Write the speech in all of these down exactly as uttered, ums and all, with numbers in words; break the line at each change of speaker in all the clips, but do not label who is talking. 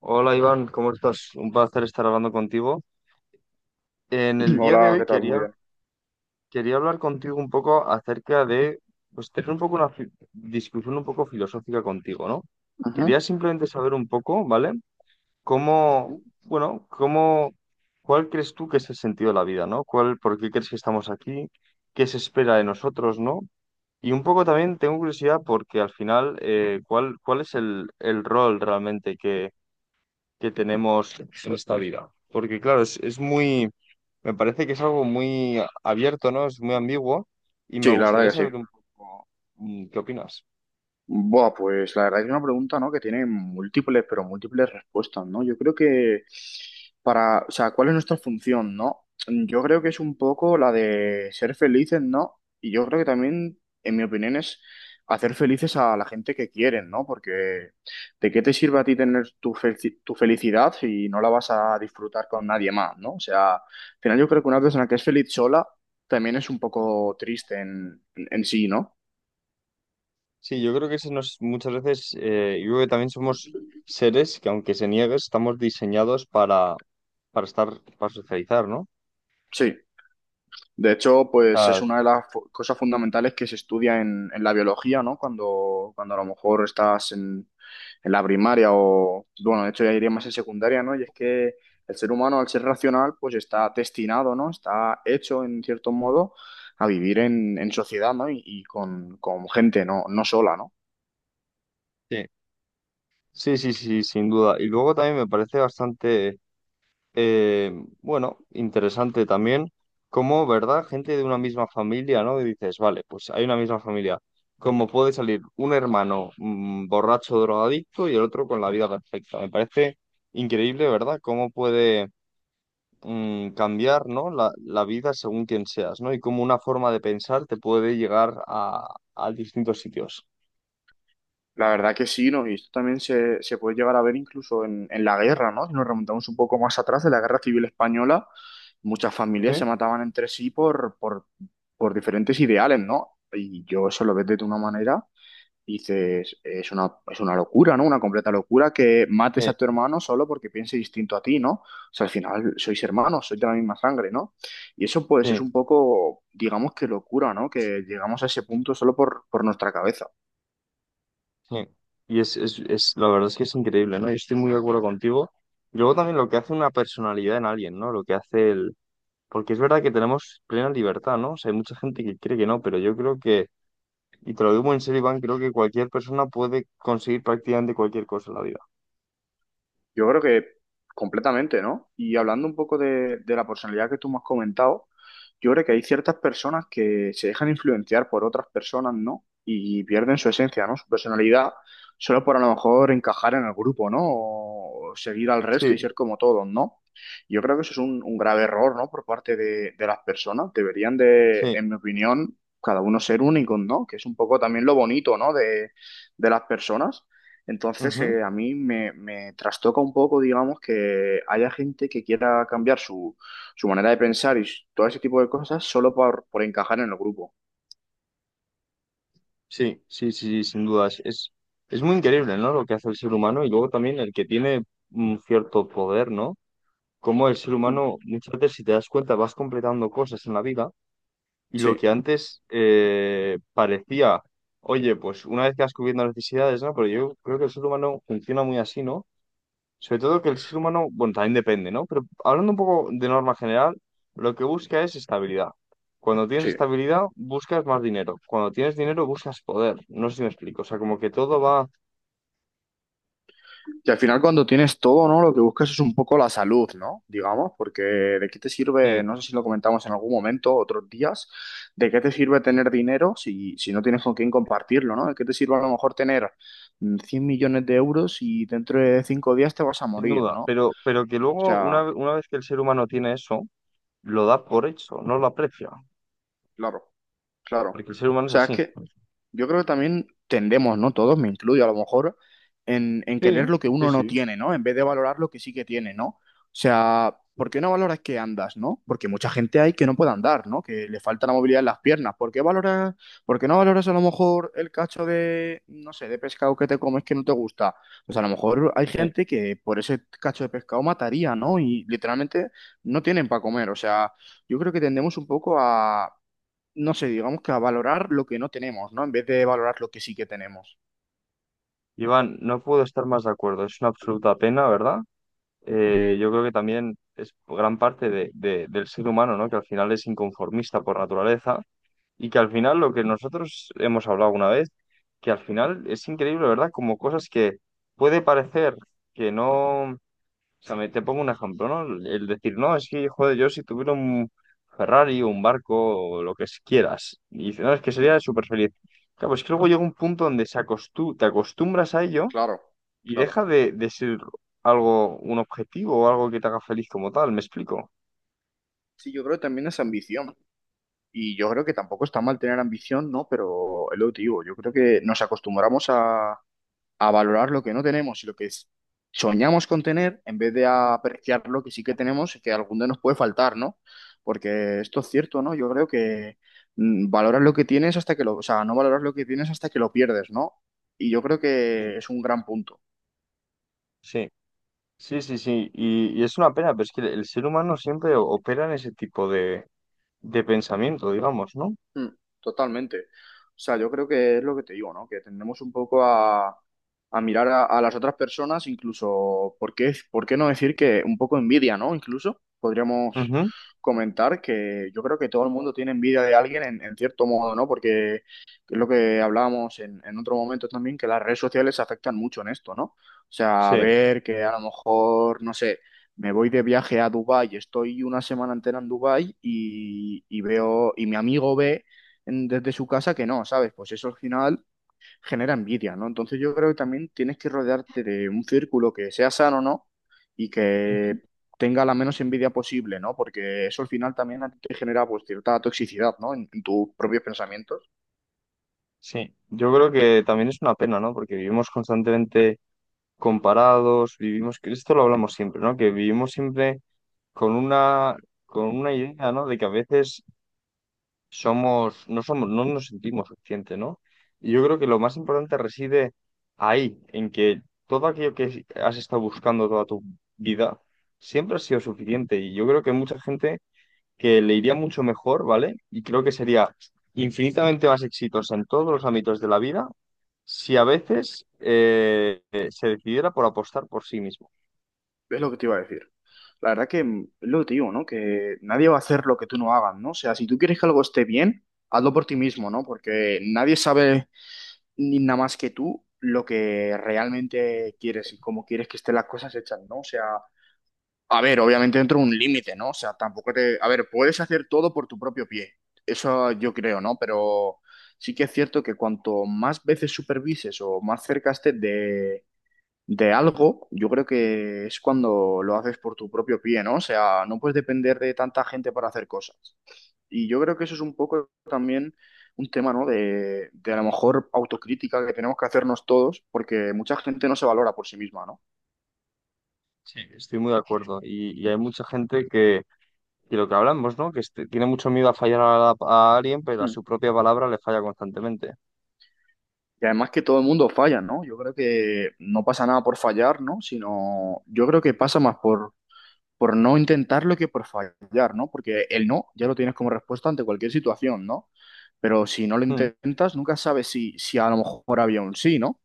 Hola Iván, ¿cómo estás? Un placer estar hablando contigo. En el día de
Hola,
hoy
¿qué tal?
quería,
Muy bien.
quería hablar contigo un poco acerca de, pues tener un poco una fi- discusión un poco filosófica contigo, ¿no?
Ajá.
Quería simplemente saber un poco, ¿vale? ¿Cómo, bueno, cómo, ¿cuál crees tú que es el sentido de la vida, ¿no? ¿Cuál, por qué crees que estamos aquí? ¿Qué se espera de nosotros, ¿no? Y un poco también tengo curiosidad porque al final, eh, ¿cuál, cuál es el, el rol realmente que tenemos en esta vida? Porque claro, es, es muy, me parece que es algo muy abierto, ¿no? Es muy ambiguo y me
Sí, la
gustaría
verdad que sí.
saber un poco mm, qué opinas.
Buah, pues la verdad es una pregunta, ¿no? Que tiene múltiples, pero múltiples respuestas, ¿no? Yo creo que para, o sea, ¿cuál es nuestra función?, ¿no? Yo creo que es un poco la de ser felices, ¿no? Y yo creo que también, en mi opinión, es hacer felices a la gente que quieren, ¿no? Porque ¿de qué te sirve a ti tener tu, felci- tu felicidad si no la vas a disfrutar con nadie más, ¿no? O sea, al final yo creo que una persona que es feliz sola también es un poco triste en, en en sí, ¿no?
Sí, yo creo que se nos, muchas veces, eh, yo creo que también somos seres que aunque se niegue, estamos diseñados para, para estar, para socializar, ¿no?
Sí. De hecho, pues es
Ah,
una de las fu- cosas fundamentales que se estudia en, en la biología, ¿no? Cuando, cuando a lo mejor estás en, en la primaria o, bueno, de hecho ya iría más en secundaria, ¿no? Y es que el ser humano, al ser racional, pues está destinado, ¿no? Está hecho, en cierto modo, a vivir en, en sociedad, ¿no? Y, y con, con gente, ¿no? No sola, ¿no?
sí. Sí, sí, sí, sin duda. Y luego también me parece bastante Eh, bueno, interesante también cómo, ¿verdad? Gente de una misma familia, ¿no? Y dices, vale, pues hay una misma familia. ¿Cómo puede salir un hermano mm, borracho, drogadicto y el otro con la vida perfecta? Me parece increíble, ¿verdad? Cómo puede mm, cambiar, ¿no? La, la vida según quien seas, ¿no? Y cómo una forma de pensar te puede llegar a, a distintos sitios.
La verdad que sí, ¿no? Y esto también se, se puede llegar a ver incluso en, en la guerra, ¿no? Si nos remontamos un poco más atrás, de la Guerra Civil Española, muchas familias
Sí.
se mataban entre sí por, por, por diferentes ideales, ¿no? Y yo eso lo ves de una manera y dices, es una, es una locura, ¿no? Una completa locura que mates
Sí,
a tu hermano solo porque piense distinto a ti, ¿no? O sea, al final sois hermanos, sois de la misma sangre, ¿no? Y eso pues es
sí.
un poco, digamos que locura, ¿no? Que llegamos a ese punto solo por, por nuestra cabeza.
Sí. Y es, es, es, la verdad es que es increíble, ¿no? Yo estoy muy de acuerdo contigo. Y luego también lo que hace una personalidad en alguien, ¿no? Lo que hace el... Porque es verdad que tenemos plena libertad, ¿no? O sea, hay mucha gente que cree que no, pero yo creo que, y te lo digo muy en serio, Iván, creo que cualquier persona puede conseguir prácticamente cualquier cosa en la vida.
Yo creo que completamente, ¿no? Y hablando un poco de, de la personalidad que tú me has comentado, yo creo que hay ciertas personas que se dejan influenciar por otras personas, ¿no? Y pierden su esencia, ¿no? Su personalidad, solo por a lo mejor encajar en el grupo, ¿no? O seguir al resto y
Sí,
ser como todos, ¿no? Yo creo que eso es un, un grave error, ¿no? Por parte de, de las personas. Deberían de,
sí,
en mi opinión, cada uno ser únicos, ¿no? Que es un poco también lo bonito, ¿no? De, de las personas. Entonces,
ujú.
eh, a mí me, me trastoca un poco, digamos, que haya gente que quiera cambiar su, su manera de pensar y s- todo ese tipo de cosas solo por, por encajar en el grupo.
Sí, sí, sí, sí, sin dudas. Es, es muy increíble, ¿no? Lo que hace el ser humano y luego también el que tiene un cierto poder, ¿no? Como el ser
Mm.
humano, muchas veces, si te das cuenta, vas completando cosas en la vida. Y lo
Sí,
que antes eh, parecía, oye, pues una vez que vas cubriendo las necesidades, ¿no? Pero yo creo que el ser humano funciona muy así, ¿no? Sobre todo que el ser humano, bueno, también depende, ¿no? Pero hablando un poco de norma general, lo que busca es estabilidad. Cuando tienes
sí.
estabilidad, buscas más dinero. Cuando tienes dinero, buscas poder. No sé si me explico. O sea, como que todo va,
Que al final cuando tienes todo, ¿no? Lo que buscas es un poco la salud, ¿no? Digamos, porque ¿de qué te sirve,
eh,
no sé si lo comentamos en algún momento, otros días, de qué te sirve tener dinero si, si no tienes con quién compartirlo, ¿no? ¿De qué te sirve a lo mejor tener mm, cien millones de euros y dentro de cinco días te vas a
sin
morir?,
duda,
¿no?
pero,
O
pero que luego,
sea,
una, una vez que el ser humano tiene eso, lo da por hecho, no lo aprecia,
claro. Claro. O
porque el ser humano es
sea, es
así.
que yo creo que también tendemos, ¿no? Todos, me incluyo a lo mejor, en, en
Sí,
querer lo que
sí,
uno no
sí.
tiene, ¿no? En vez de valorar lo que sí que tiene, ¿no? O sea, ¿por qué no valoras que andas?, ¿no? Porque mucha gente hay que no puede andar, ¿no? Que le falta la movilidad en las piernas. ¿Por qué valoras, por qué no valoras a lo mejor el cacho de, no sé, de pescado que te comes que no te gusta? Pues a lo mejor hay
Sí.
gente que por ese cacho de pescado mataría, ¿no? Y literalmente no tienen para comer. O sea, yo creo que tendemos un poco a no sé, digamos que a valorar lo que no tenemos, ¿no? En vez de valorar lo que sí que tenemos.
Iván, no puedo estar más de acuerdo. Es una absoluta pena, ¿verdad? Eh, yo creo que también es gran parte de- de- del ser humano, ¿no? Que al final es inconformista por naturaleza y que al final lo que nosotros hemos hablado una vez, que al final es increíble, ¿verdad? Como cosas que puede parecer que no... O sea, me- te pongo un ejemplo, ¿no? El decir, no, es que, joder, yo si tuviera un Ferrari, un barco, o lo que quieras, y dices, no, es que
Ujú,
sería súper feliz. Claro, pues que luego llega un punto donde se acostu- te acostumbras a ello
claro,
y
claro.
deja de, de ser algo, un objetivo o algo que te haga feliz como tal, ¿me explico?
Sí, yo creo que también es ambición. Y yo creo que tampoco está mal tener ambición, ¿no? Pero es lo que te digo, yo creo que nos acostumbramos a, a valorar lo que no tenemos y lo que es- soñamos con tener en vez de apreciar lo que sí que tenemos y que algún día nos puede faltar, ¿no? Porque esto es cierto, ¿no? Yo creo que mm, valoras lo que tienes hasta que lo, o sea, no valoras lo que tienes hasta que lo pierdes, ¿no? Y yo creo
Sí,
que es un gran punto.
sí, sí, sí, sí. Y, y es una pena, pero es que el ser humano siempre o- opera en ese tipo de, de pensamiento, digamos, ¿no?
Mm, Totalmente. O sea, yo creo que es lo que te digo, ¿no? Que tendemos un poco a, a mirar a, a las otras personas, incluso, ¿por qué, por qué no decir que un poco envidia?, ¿no? Incluso podríamos
Ujú.
comentar que yo creo que todo el mundo tiene envidia de alguien en, en cierto modo, ¿no? Porque es lo que hablábamos en, en otro momento también, que las redes sociales afectan mucho en esto, ¿no? O sea,
Sí.
ver que a lo mejor, no sé. Me voy de viaje a Dubái, estoy una semana entera en Dubái y, y veo, y mi amigo ve en- desde su casa que no, ¿sabes? Pues eso al final genera envidia, ¿no? Entonces yo creo que también tienes que rodearte de un círculo que sea sano, ¿no? Y
Ujú.
que tenga la menos envidia posible, ¿no? Porque eso al final también a ti te genera pues cierta toxicidad, ¿no? En, en tus propios pensamientos.
Sí. Yo creo que también es una pena, ¿no? Porque vivimos constantemente comparados, vivimos, que esto lo hablamos siempre, ¿no? Que vivimos siempre con una, con una idea, ¿no? De que a veces somos, no somos, no nos sentimos suficientes, ¿no? Y yo creo que lo más importante reside ahí, en que todo aquello que has estado buscando toda tu vida siempre ha sido suficiente. Y yo creo que hay mucha gente que le iría mucho mejor, ¿vale? Y creo que sería infinitamente más exitosa en todos los ámbitos de la vida si a veces eh, eh, se decidiera por apostar por sí mismo.
Es lo que te iba a decir. La verdad que mm, es lo que te digo, ¿no? Que nadie va a hacer lo que tú no hagas, ¿no? O sea, si tú quieres que algo esté bien, hazlo por ti mismo, ¿no? Porque nadie sabe ni nada más que tú lo que realmente quieres y cómo quieres que estén las cosas hechas, ¿no? O sea, a ver, obviamente dentro de un límite, ¿no? O sea, tampoco te. A ver, puedes hacer todo por tu propio pie, eso yo creo, ¿no? Pero sí que es cierto que cuanto más veces supervises o más cerca estés de, de algo, yo creo que es cuando lo haces por tu propio pie, ¿no? O sea, no puedes depender de tanta gente para hacer cosas. Y yo creo que eso es un poco también un tema, ¿no? De, de a lo mejor autocrítica que tenemos que hacernos todos, porque mucha gente no se valora por sí misma, ¿no?
Sí, estoy muy de acuerdo. Y, y hay mucha gente que... Y lo que hablamos, ¿no? Que este- tiene mucho miedo a fallar a, la- a alguien, pero a
Hmm.
su propia palabra le falla constantemente.
Y además que todo el mundo falla, ¿no? Yo creo que no pasa nada por fallar, ¿no? Sino yo creo que pasa más por, por no intentarlo que por fallar, ¿no? Porque el no ya lo tienes como respuesta ante cualquier situación, ¿no? Pero si no lo
Mm.
intentas, nunca sabes si, si a lo mejor había un sí, ¿no?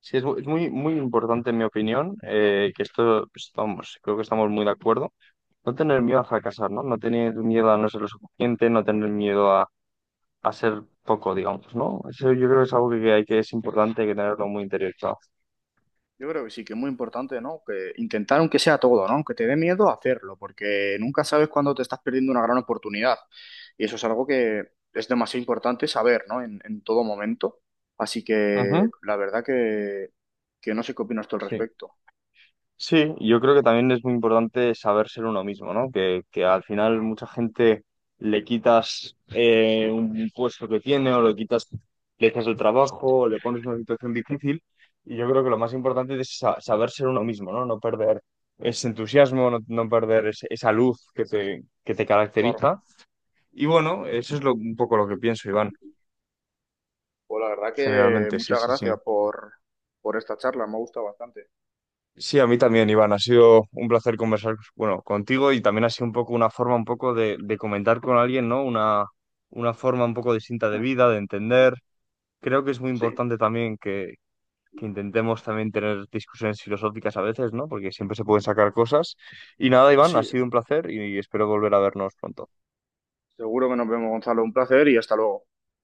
Sí, es, mu- es muy, muy importante, en mi opinión, eh, que esto, pues, vamos, creo que estamos muy de acuerdo. No tener miedo a fracasar, ¿no? No tener miedo a no ser lo suficiente, no tener miedo a, a ser poco, digamos, ¿no? Eso yo creo que es algo que, que hay que es importante, hay que tenerlo muy interiorizado.
Yo creo que sí, que es muy importante, ¿no? Que intentar aunque sea todo, ¿no? Aunque te dé miedo hacerlo, porque nunca sabes cuándo te estás perdiendo una gran oportunidad. Y eso es algo que es demasiado importante saber, ¿no? En, en todo momento. Así que
Ujú.
la verdad que, que no sé qué opinas tú al
Sí.
respecto.
Sí, yo creo que también es muy importante saber ser uno mismo, ¿no? Que, que al final mucha gente le quitas eh, un puesto que tiene o le quitas, le quitas el trabajo o le pones una situación difícil. Y yo creo que lo más importante es sa- saber ser uno mismo, ¿no? No perder ese entusiasmo, no, no perder ese- esa luz que te, que te
Claro.
caracteriza. Y bueno, eso es lo, un poco lo que pienso, Iván,
Pues la verdad que
generalmente, sí,
muchas
sí, sí.
gracias por, por esta charla, me ha gustado bastante.
Sí, a mí también, Iván. Ha sido un placer conversar, bueno, contigo y también ha sido un poco una forma un poco de, de comentar con alguien, ¿no? Una, una forma un poco distinta de
Mm.
vida, de entender. Creo que es muy
Sí,
importante también que, que intentemos también tener discusiones filosóficas a veces, ¿no? Porque siempre se pueden sacar cosas. Y nada, Iván, ha
sí.
sido un placer y espero volver a vernos pronto.
Seguro que nos vemos, Gonzalo. Un placer y hasta luego.